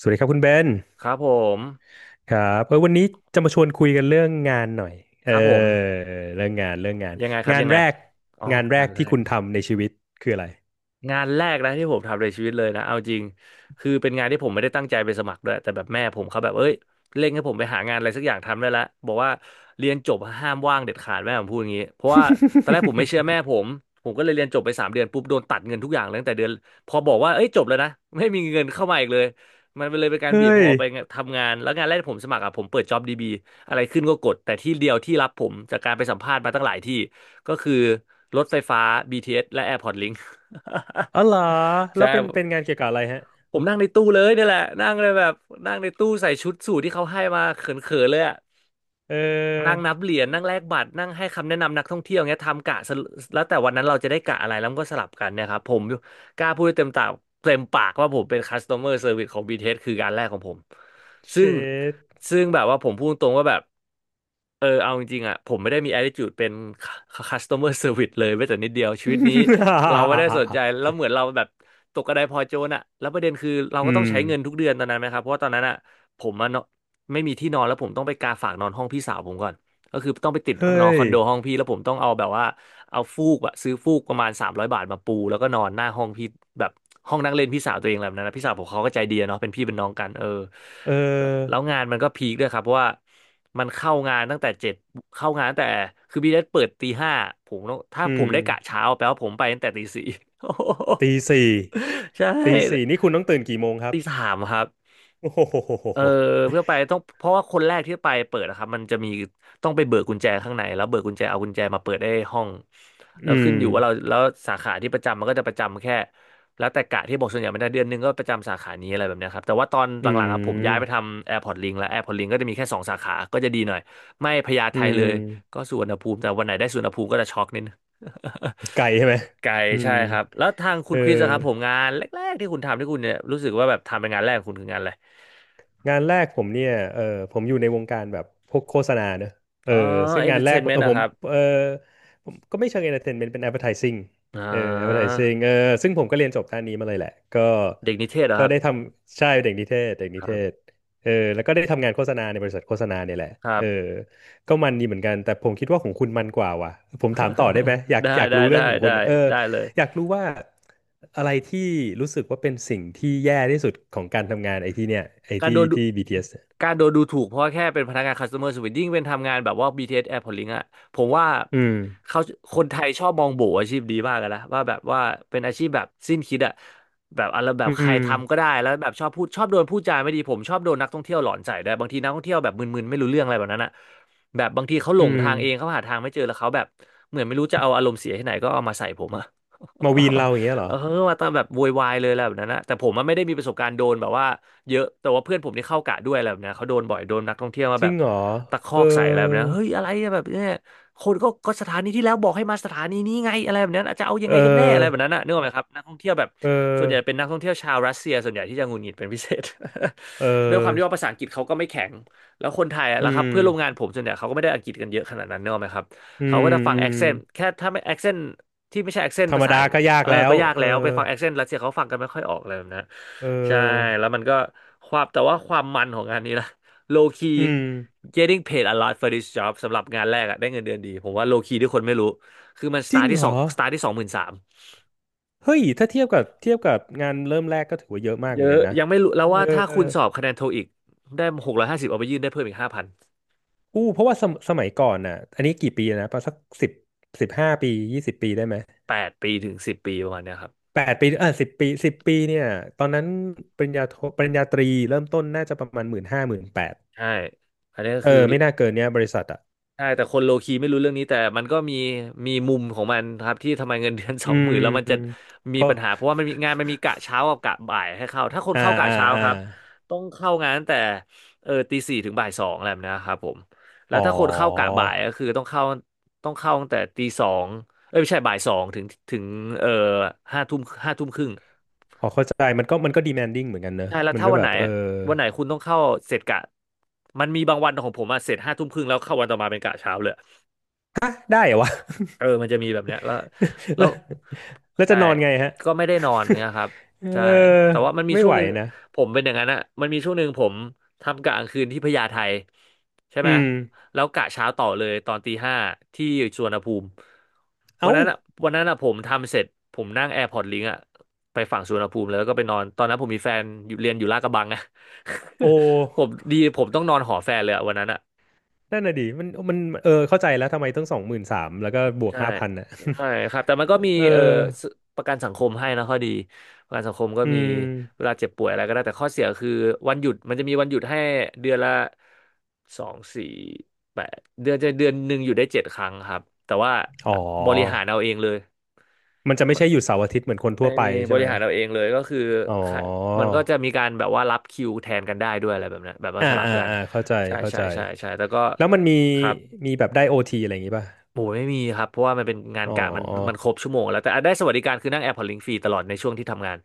สวัสดีครับคุณเบนครับผมครับวันนี้จะมาชวนคุยกันเรื่องงานหน่อยเอครับผมอเรื่องงานยังไงครับงานยังไงแรกอ๋องานแรงากนแรที่ก คุณทำในชีวิตคืออะไร งานแรกนะที่ผมทำในชีวิตเลยนะเอาจริงคือเป็นงานที่ผมไม่ได้ตั้งใจไปสมัครด้วยแต่แบบแม่ผมเขาแบบเอ้ยเร่งให้ผมไปหางานอะไรสักอย่างทำได้แล้วบอกว่าเรียนจบห้ามว่างเด็ดขาดแม่ผมพูดอย่างนี้เพราะว่าตอนแรกผมไม่เชื่อแม่ผ มผมก็เลยเรียนจบไป3 เดือนปุ๊บโดนตัดเงินทุกอย่างเลยตั้งแต่เดือนพอบอกว่าเอ้ยจบแล้วนะไม่มีเงินเข้ามาอีกเลยมันเลยเป็นการบีบเฮ้ผมยออกไปทำงานแล้วงานแรกที่ผมสมัครอ่ะผมเปิด JobDB อะไรขึ้นก็กดแต่ที่เดียวที่รับผมจากการไปสัมภาษณ์มาตั้งหลายที่ ก็คือรถไฟฟ้า BTS และ Airport Link อ๋อเหรอ แล้ใช่ วเป็นงานเกี่ยวกับอะไรฮะผมนั่งในตู้เลยนี่แหละนั่งเลยแบบนั่งในตู้ใส่ชุดสูทที่เขาให้มาเขินๆเลยอะ เนั่งออนับเหรียญนั่งแลกบัตรนั่งให้คำแนะนำนักท่องเที่ยวเงี้ยทำกะสรุแล้วแต่วันนั้นเราจะได้กะอะไรแล้วมันก็สลับกันเนี่ยครับผมกล้าพูดได้เต็มปากว่าผมเป็น customer service ของ BTS คืองานแรกของผมเชซึ่งด ซึ่งแบบว่าผมพูดตรงว่าแบบเอาจริงๆอ่ะผมไม่ได้มี attitude เป็น customer service เลยแม้แต่นิดเดียวชีวิตนี้เราไม่ได้สนใจแล้วเหมือนเราแบบตกกระไดพลอยโจรอ่ะแล้วประเด็นคือ เราก็อืต้องมใช้เงินทุกเดือนตอนนั้นไหมครับเพราะว่าตอนนั้นอ่ะผมอะเนาะ ไม่มีที่นอนแล้วผมต้องไปกาฝากนอนห้องพี่สาวผมก่อนก็คือต้องไปติดเฮ้นอนคยอนโดห้องพี่แล้วผมต้องเอาแบบว่าเอาฟูกอะซื้อฟูกประมาณ300 บาทมาปูแล้วก็นอนหน้าห้องพี่แบบห้องนั่งเล่นพี่สาวตัวเองอะไรแบบนั้นนะพี่สาวผมเขาก็ใจดีอะเนาะเป็นพี่เป็นน้องกันเออเอแล้วองานมันก็พีคด้วยครับเพราะว่ามันเข้างานตั้งแต่เจ็ดเข้างานตั้งแต่คือบีเอสเปิดตีห้าผมต้องถ้าอืผมมได้กะเช้าแปลว่าผมไปตั้งแต่ตีสี่ ตีสี่ ใช่ตีสี่นี่คุณต้องตื่นกี่โมงครับตีสามครับ โอ้โเออห เพื่ อไปต้องเพราะว่าคนแรกที่ไปเปิดนะครับมันจะมีต้องไปเบิกกุญแจข้างในแล้วเบิกกุญแจเอากุญแจมาเปิดได้ห้องแล้อืวขึ้มนอยู่ว่าเราแล้วสาขาที่ประจำมันก็จะประจำแค่แล้วแต่กะที่บอกส่วนใหญ่ไม่ได้เดือนหนึงก็ประจำสาขานี้อะไรแบบเนี้ยครับแต่ว่าตอนหอืลังๆอะผมย้ายไปมทำแอ r p พ r t l i ลิแล้วแอร์พอร์ตลิงก็จะมีแค่2 สาขาก็จะดีหน่อยไม่พญาไทอืเลม ยก็สุวรรณภูมิแต่วันไหนได้สุวรรณภูมิก็จะช็อกนิดนึง ไกลใช่ไหม ไกลอืใช่มครับแล้วทางคุเอณคริสอะครับผมองานแรกๆที่คุณทำที่คุณเนี่ยรู้สึกว่าแบบทำเป็นงานแรกของคุณคืองานอะไร งานแรกผมเนี่ยผมอยู่ในวงการแบบพวกโฆษณาเนอะเอออ๋อซึ่งเอนงาเตอนร์แรเทกนเมนต์นะผคมรับเออผมก็ไม่เชิง entertainment เป็น advertising อ่า advertising ซึ่งผมก็เรียนจบด้านนี้มาเลยแหละก็เด็กนิเทศเหรอก็ครับ ได้ทำใช่เด็กนิเทศเด็กนิคเทรัศบ แล้วก็ได้ทำงานโฆษณาในบริษัทโฆษณาเนี่ยแหละครัเอบ อก็มันดีเหมือนกัน แต่ผมคิดว่าของคุณมันกว่าว่ะผมถามต่อได้ไหม ได้อยากได้รู้เรื่ได้องของคุได้ณได้เลย อยากรู้ว่าอะไรที่รู้สึกว่าเป็นสิ่งที่แย่ที่สุดของการทำงานไอ้ที่เนี่ยไอ้การที่โดนดูที่ BTS เอสเนี่ยการโดนดูถูกเพราะว่าแค่เป็นพนักงาน customer service ยิ่งเป็นทำงานแบบว่า BTS Airport Link อะผมว่าอืมเขาคนไทยชอบมองโบอาชีพดีมากกันนะว่าแบบว่าเป็นอาชีพแบบสิ้นคิดอะแบบอะไรแบอืบใครมทำก็ได้แล้วแบบชอบพูดชอบโดนพูดจาไม่ดีผมชอบโดนนักท่องเที่ยวหลอนใส่ด้วยบางทีนักท่องเที่ยวแบบมึนๆไม่รู้เรื่องอะไรแบบนั้นอะแบบบางทีเขาหลอืงมทางเองเขาหาทางไม่เจอแล้วเขาแบบเหมือนไม่รู้จะเอาอารมณ์เสียที่ไหนก็เอามาใส่ผมอะ มาวีนเราอย่างเงี้ย เหรเอออมาตามแบบโวยวายเลยอะไรแบบนั้นนะแต่ผมมันไม่ได้มีประสบการณ์โดนแบบว่า เยอะแต่ว่าเพื่อนผมที่เข้ากะด้วยอะไรแบบเนี้ยเขาโดนบ่อยโดนนักท่องเที่ยวมาจแบริงบเหรอตะคอเอกอใส่อะไรแบบเนี้ยเฮ้ยอะไรอะแบบเนี้ยคนก็ก็สถานีที่แล้วบอกให้มาสถานีนี้ไงอะไรแบบนั้นอาจจะเอายัเงไงกันแน่อะไรแบบออนั้นนะนึกออกไหมครับนักท่องเที่ยวแบบเออส่วนใหญ่เป็นนักท่องเที่ยวชาวรัสเซียส่วนใหญ่ที่จะหงุดหงิดเป็นพิเศษ เ ด้วยความที่ว่าออภาษาอังกฤษเขาก็ไม่แข็งแล้วคนไทยอะอืแล้วครับเพื่อนร่วมงานมผมส่วนใหญ่เขาก็ไม่ได้อังกฤษกันเยอะขนาดนั้นเนกอะไหมครับอืเขาก็จะฟังอืแอมคเซนต์แค่ถ้าไม่แอคเซนต์ที่ไม่ใช่แอคเซนธต์รรภามษา ดาก็ยากเออแล้วก็ยากแล้วไปฟังแอคเซนต์รัสเซียเขาฟังกันไม่ค่อยออกเลยนะ เใช่ออแล้วมันก็ความแต่ว่าความมันของงานนี้นะ low key อืม getting paid a lot for this job สำหรับงานแรกอะได้เงินเดือนดีผมว่า low key ที่คนไม่รู้ คือมัน จริง เหรอstart ที่23,000 เฮ้ยถ้าเทียบกับงานเริ่มแรกก็ถือว่าเยอะมากเยเหมือนอะกันนะยังไม่รู้แล้วเออ ว่าถ้าคุณสอบคะแนนโทอีกได้650เอาไปยื่นได้เพิ่มอีก5,000อู้เพราะว่าสมัยก่อนน่ะอันนี้กี่ปีนะประมาณสักสิบห้าปียี่สิบปีได้ไหม8 ปีถึง10 ปีประมาณเนี้ยครับแปดปีสิบปีสิบปีเนี่ยตอนนั้นปริญญาตรีเริ่มต้นน่าจะประมาณหมื่นห้าหมื่นแปดใช่อันนี้ก็คือ ไม่น่าเกินเนี่ยบริษัทอ่ะใช่แต่คนโลคีไม่รู้เรื่องนี้แต่มันก็มีมีมุมของมันครับที่ทำไมเงินเดือน สอืองหมื่มนแล้วมันจะเพมีราะปัญหาเพราะว่ามันมีงานมันมีกะเช้ากับกะบ่ายให้เข้าถ้าคนอ่าเข้ากะเช้าครับต้องเข้างานตั้งแต่เออตีสี่ถึงบ่ายสองอะไรแบบนะครับผมแล้วอ๋อถ้าคนเข้ากะบ่ายก็คือต้องเข้าตั้งแต่ตีสองเอ้ยไม่ใช่บ่ายสองถึงถึงเออห้าทุ่มห้าทุ่มครึ่งพอเข้าใจมันก็ demanding เหมือนกันเนอะใช่แล้วมันถ้าก็วันแบไหนบคุณต้องเข้าเสร็จกะมันมีบางวันของผมอะเสร็จห้าทุ่มครึ่งแล้วเข้าวันต่อมาเป็นกะเช้าเลย ได้เหรอวะ เออมันจะมีแบบเนี้ยแล้ว แล้แล้ววใช่จะนอนไงฮะ ก็ไม่ได้นอนเงี้ยครับ เอใช่อแต่ว่ามันมีไม่ช่วงไหวหนึ่งนะผมเป็นอย่างนั้นอะมันมีช่วงหนึ่งผมทำกะกลางคืนที่พญาไทใช่ไหอืมมแล้วกะเช้าต่อเลยตอนตีห้าที่สุวรรณภูมิวันเอ้านั้นอะวันนั้นอะผมทำเสร็จผมนั่งแอร์พอร์ตลิงอะไปฝั่งสุวรรณภูมิเลยแล้วก็ไปนอน ตอนนั้นผมมีแฟนอยู่เรียนอยู่ลาดกระบังอะ โ ผมอ ดีผมต้องนอนหอแฟนเลยอะวันนั้นอะ นั่นน่ะดิมันเข้าใจแล้วทำไมต้องสองหมื่นสามแล้วก็บวกใช่ห้าพันอ่ะ ใช่ครับแต่มันก็มี เอ่อเออสประกันสังคมให้นะข้อดีประกันสังคมก็อืมีมเวลาเจ็บป่วยอะไรก็ได้แต่ข้อเสียคือวันหยุดมันจะมีวันหยุดให้เดือนละสองสี่แปดเดือนจะเดือนหนึ่งอยู่ได้7 ครั้งครับแต่ว่าอ๋บริหารอเอาเองเลยมันจะไม่ใช่หยุดเสาร์อาทิตย์เหมือนคนทั่ไม่วไม่ไปมีบใช่ไหริมหารเอาเองเลยก็คืออ๋อค่ะมันก็จะมีการแบบว่ารับคิวแทนกันได้ด้วยอะไรแบบนั้นแบบว่าอ่าสลับกันเข้าใจใช่เข้าใช่ใจใช่ใช่แต่ก็แล้วมันมีครับ แบบได้โอทีอะไรอย่างงี้ป่ะโอ้ยไม่มีครับเพราะว่ามันเป็นงานอ๋อกะมันครบชั่วโมงแล้วแต่อ่ะได้สวัสดิการคือนั่งแอร์พอร์ตลิงฟรีตลอดในช่วงที่ทำงาน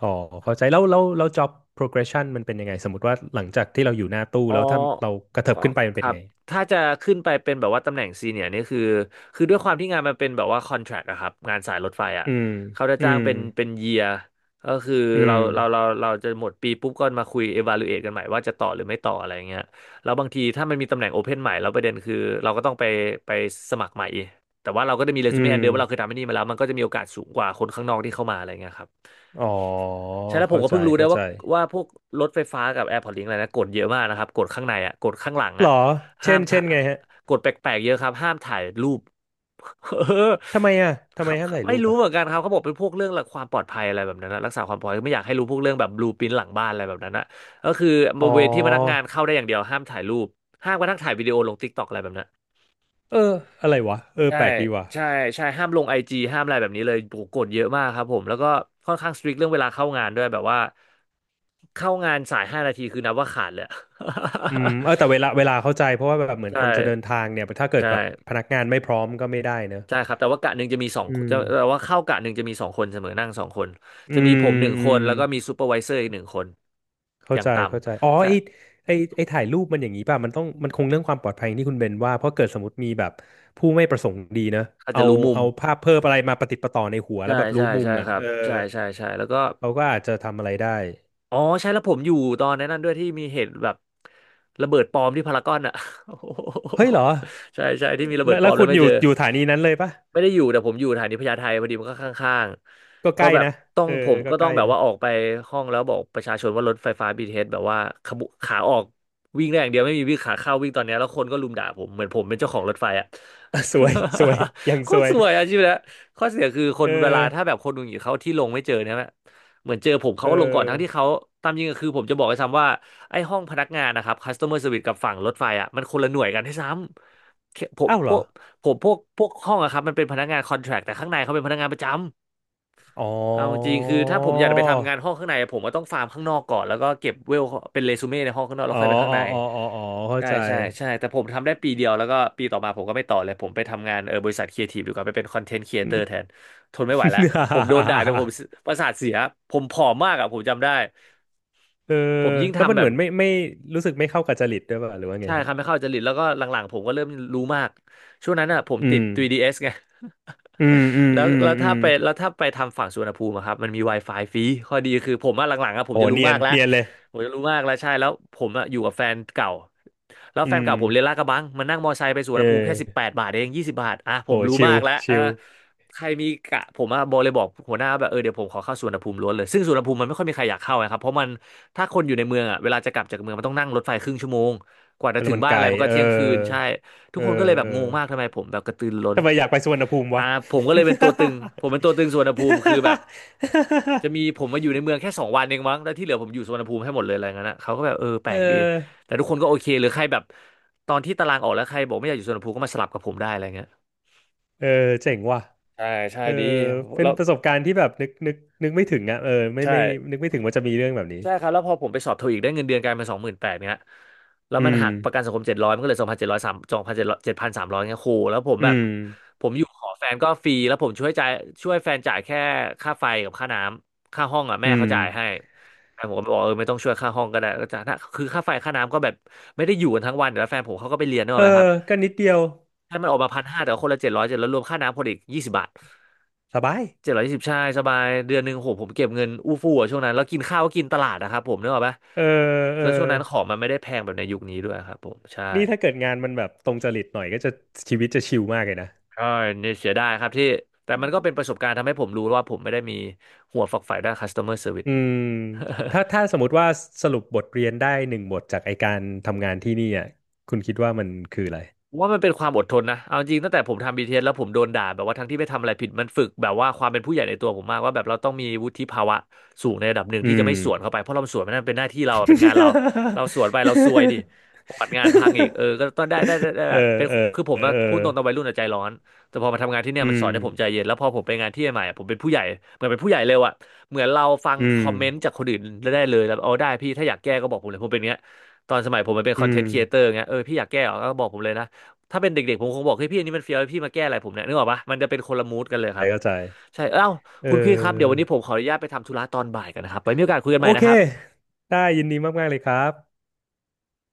อ๋อเข้าใจแล้วjob progression มันเป็นยังไงสมมติว่าหลังจากที่เราอยู่หน้าตู้อ๋อแล้วถ้าเรากระเถิบอ๋อขึ้นไปมันคเป็นรับ ไงถ้าจะขึ้นไปเป็นแบบว่าตำแหน่งซีเนียร์นี่คือ คือด้วยความที่งานมันเป็นแบบว่าคอนแทรคอะครับงานสายรถไฟอะอืมเขาจะอืจ้างมเป็นเยียร์ก็คืออืเรามเราเราเราจะหมดปีปุ๊บก็มาคุย evaluate กันใหม่ว่าจะต่อหรือไม่ต่ออะไรเงี้ยแล้วบางทีถ้ามันมีตำแหน่งโอเพนใหม่แล้วประเด็นคือเราก็ต้องไปไปสมัครใหม่ แต่ว่าเราก็จะมีเรอืซูเม่มอันเดิมว่าเราเคยทำที่นี่มาแล้วมันก็จะมีโอกาสสูงกว่าคนข้างนอกที่เข้ามาอะไรเงี้ยครับ อ๋อใช่แล้วผมเข้าก็ใจเพิ่งรู้ได้เข้าว่าใจ พวกรถไฟฟ้ากับ AirPods Link อะไรนะกดเยอะมากนะครับกดข้างในอ่ะกดข้างหลังหรอ่ะอเช่ห้ามนถ่าไงฮะกดแปลกๆเยอะครับห้ามถ่ายรูป เออทำไมอ่ะทำไมเขาห้ามเขาถ่ายไม่รูปรู้อ่ะเหมือนกันครับเขาบอกเป็นพวกเรื่องหลักความปลอดภัยอะไรแบบนั้นนะรักษาความปลอดภัยไม่อยากให้รู้พวกเรื่องแบบบลูปินหลังบ้านอะไรแบบนั้นนะก็คือบอ๋อริเวณที่พนักงานเข้าได้อย่างเดียวห้ามถ่ายรูปห้ามกระทั่งถ่ายวิดีโอลง TikTok อะไรแบบนั้น เอออะไรวะเออใช่แปลกดีว่ะใช่ใช่ห้ามลงไอจีห้ามอะไรแบบนี้เลยโหกฎเยอะมากครับผมแล้วก็ค่อนข้างสตริกเรื่องเวลาเข้างานด้วยแบบว่าเข้างานสาย5 นาทีคือนับว่าขาดเลยอะ อืม แต่เวลาเข้าใจเพราะว่าแบบเหมือนใช่คนจะเดินทางเนี่ยถ้าเกิดใช่แบบพนักงานไม่พร้อมก็ไม่ได้เนอะใช่ครับแต่ว่ากะหนึ่งจะมีสองอืจะมแต่ว่าเข้ากะหนึ่งจะมีสองคนเสมอนั่งสองคนอืจะมีผมมหนึ่งอืคนมแล้วก็มีซูเปอร์ไวเซอร์อีกหนึ่งคนอเข้าย่างใจต่เข้าใจอ๋อำใช่ไอไอไอถ่ายรูปมันอย่างนี้ป่ะมันต้องมันคงเรื่องความปลอดภัยที่คุณเบนว่าเพราะเกิดสมมติมีแบบผู้ไม่ประสงค์ดีเนอะอาจจะเอารู้มุมเอาภาพเพิ่มอะไรมาประติดประต่อในหัวแล้ใช่วแบบรู้ใช่มุใช่มอ่ะครับใช่ใช่ใช่แล้วก็ เขาก็อาจจะทำอะไรได้อ๋อใช่แล้วผมอยู่ตอนนั้นด้วยที่มีเหตุแบบระเบิดปลอมที่พารากอนอ่ะ โอ้โเฮ้ยเหหรอ ใช่ใช่ที่มีระเบิแล้ดวปลอมแล้คุวณไม่อเจยู่อสถานีนั้นเลยปะไม่ได้อยู่แต่ผมอยู่สถานีพญาไทพอดีมันก็ข้างก็ๆใกก็ล้แบบนะต้องเออผมก็ก็ใกต้องล้แบบนะ ว่า ออกไปห้องแล้วบอกประชาชนว่ารถไฟฟ้าบีทีเ t สแบบว่าขบขาออกวิ่งได้อย่างเดียวไม่มีวิ่งขาเข้าวิ่งตอนเนี้ยแล้วคนก็รุมด่าผมเหมือนผมเป็นเจ้าของรถไฟอ่ะ อ่ะสวยสวยยัง โคสตรวยสวยอาชีพนะข้อเสียคือคเอนอเวลาถ้าแบบคนดูอยู่เขาที่ลงไม่เจอเนี่ยไหม เหมือนเจอผมเขาเอก็ลงก่อนอทั้งที่เขาตามจริงก็คือผมจะบอกไห้ซ้ำว่าไอ้ห้องพนักงานนะครับ customer s e r v i ิ e กับฝั่งรถไฟอ่ะมันคนละหน่วยกันให้ซ้ำผมอ้าวพเหรวอกพวกห้องอะครับมันเป็นพนักงาน contract แทรคแต่ข้างในเขาเป็นพนักงานประจำ อ๋อเอาจริงคือถ้าผมอยากจะไปทำงานห้องข้างในผมก็ต้องฟาร์มข้างนอกก่อนแล้วก็เก็บเวลเป็นเรซูเม่ในห้องข้างนอกแล้อ๋วอค่อยไปข้างอ๋ในออ๋ออ๋ออ๋อเข้าใช่ใจ ใช่ใช่แต่ผมทำได้ปีเดียวแล้วก็ปีต่อมาผมก็ไม่ต่อเลยผมไปทำงานบริษัทครีเอทีฟดีกว่าไปเป็นคอนเทนต์ครีเอ อืเตอม ร์แทนทนไม่ไหวแล้วผมโดนด่าแต่ผม ประสาทเสียผมผอมมากอ่ะผมจำได้เออผมยิ่งแล้วมัทำนแบเหบ มือนไม่ไม่รู้สึกไม่เข้ากับจริตด้วยป่ะหรือว่าไงใช่คฮะรับไม่เข้าจริตแล้วก็หลังๆผมก็เริ่มรู้มากช่วงนั้นอ่ะผมอืติด ม 3DS ไง อืมอืม แล้วอืมอืมแล้วถ้าไปทำฝั่งสุวรรณภูมิอะครับมันมี Wi-Fi ฟรีข้อดีคือผมอะหลังๆอะผมโหจะรู้เนียมานกแล้วเลยผมจะรู้มากแล้วใช่แล้วผมอะอยู่กับแฟนเก่าแล้วอืแฟนมเก่าผมเรียนลาดกระบังมันนั่งมอไซค์ไปสุวรเอรณภูมิแค่สิบอแปดบาทเองยี่สิบบาทอ่ะผโหมรู้ชิลมากแล้วเออชิลใครมีกะผมอะบอกเลยบอกหัวหน้าแบบเออเดี๋ยวผมขอเข้าสุวรรณภูมิล้วนเลยซึ่งสุวรรณภูมิมันไม่ค่อยมีใครอยากเข้าอะครับเพราะมันถ้าคนอยู่ในเมืองอะเวลาจะกลับจากเมืองมันต้องนั่งรถไฟครึ่งชั่วโมง กว่าจะแล้ถึวงมันบ้านไกอะลไรมันก็เที่ยงคืนใช่ทุเอกอคนก็เลยแบเอบอ งงมากทำไมผมแบบกระตือรือร้นทำไมอยากไปสุวรรณภูมิอ่าวะ ผ มก็เลยเป็นตัวตึงผมเป็นตัวตึงสุวรรณภูมิคือแบบจะมีผมมาอยู่ในเมืองแค่สองวันเองมั้งแล้วที่เหลือผมอยู่สุวรรณภูมิให้หมดเลยอะไรเงี้ยนะเขาก็แบบเออแปเลกดีออแต่ทุกคนก็โอเคหรือใครแบบตอนที่ตารางออกแล้วใครบอกไม่อยากอยู่สุวรรณภูมิก็มาสลับกับผมได้อะไรเงี้ยเออเจ๋งว่ะใช่ใช่เออดีเป็นแล้วประสบการณ์ที่แบบนึกไม่ถึงอ่ะไม่ใช่ ไม่นึกไม่ถึงว่าจะมีเรื่องแบบนี้ใช่ครับแล้วพอผมไปสอบโทอีกได้เงินเดือนกลายเป็นสองหมื่นแปดเนี่ยแล้วอืมันมหักประกันสังคมเจ็ดร้อยมันก็เหลือสองพันเจ็ดร้อยสามสองพันเจ็ดร้อยเจ็ดพันสามร้อยเงี้ยโหแล้วผมอืแบบมผมอยู่ขอแฟนก็ฟรีแล้วผมช่วยจ่ายช่วยแฟนจ่ายแค่ค่าไฟกับค่าน้ำค่าห้องอ่ะอืแม่มเขาจ่ายให้แต่ผมก็บอกเออไม่ต้องช่วยค่าห้องก็ได้ก็จ่ายนะคือค่าไฟค่าน้ำก็แบบไม่ได้อยู่กันทั้งวันเดี๋ยวแล้วแฟนผมเขาก็ไปเรียนนึกอเอออกไหมครับ ก็นิดเดียวใ้ามันออกมาพันห้าแต่ว่าคนละเจ็ดร้อยเจ็ดร้อยรวมค่าน้ำคนอีกยี่สิบบาทสบายเจ็ดร้อยยี่สิบใช่สบายเดือนหนึ่งโหผมเก็บเงินอู้ฟู่อะช่วงนั้นแล้วกินข้าวก็กินตลาดนะครับผมนึกออกปะเออเออแล้วช่วงนั้นของมันไม่ได้แพงแบบในยุคนี้ด้วยครับผมใช่นี่ถ้าเกิดงานมันแบบตรงจริตหน่อยก็จะชีวิตจะชิลมากเลยนะใช่เนี่ยเสียดายครับที่แต่มันก็เป็นประสบการณ์ทำให้ผมรู้ว่าผมไม่ได้มีหัวฝักใฝ่ด้าน customer service อืม ถ้าสมมติว่าสรุปบทเรียนได้หนึ่งบทจากไอการทำงานที่นี่อ่ะคุณคิดว่ามันคืออะไร ผมว่ามันเป็นความอดทนนะเอาจริงตั้งแต่ผมทำ BTS แล้วผมโดนด่าแบบว่าทั้งที่ไม่ทำอะไรผิดมันฝึกแบบว่าความเป็นผู้ใหญ่ในตัวผมมากว่าแบบเราต้องมีวุฒิภาวะสูงในระดับหนึ่งอืที่จะไม่ม สวนเข้าไปเพราะเราสวนมันนั่นเป็นหน้าที่เราเป็นงานเรา เราสวนไปเราซวยดิประวัติงานพังอีกเออก็ต้องได้เอแบบอเป็นเออคือผมอะเอพูดอตรงตอนวัยรุ่นอะใจร้อนแต่พอมาทำงานที่เนี่ยอืมันสอมนให้ผมใจเย็นแล้วพอผมไปงานที่ใหม่อะผมเป็นผู้ใหญ่เหมือนเป็นผู้ใหญ่เร็วอะเหมือนเราฟังอืคมอมเมนต์จากคนอื่นได้เลยแล้วเอาได้พี่ถ้าอยากแก้ก็บอกผมเลยผมเป็นอย่างเงี้ยตอนสมัยผมมันเป็นอืคอนเทนมต์ครีเอเตอร์เงี้ยพี่อยากแก้เหรอก็บอกผมเลยนะ ถ้าเป็นเด็กๆผมคงบอกเฮ้ยพี่อันนี้มันเฟี้ยวพี่มาแก้อะไรผมเนี่ยนึกออกปะมันจะเป็นคนละมูดกันเลยครัเข้าใจบเข้าใจใช่เอ้าเอคุณพี่ครับเดี๋ยววันอนี้ผมขออนุญาตไปทำธุระตอนบ่ายกันนะครับไว้มีโอกาสคุยกันใหโอม่เคนะครับได้ยินดีมากๆเลยครับ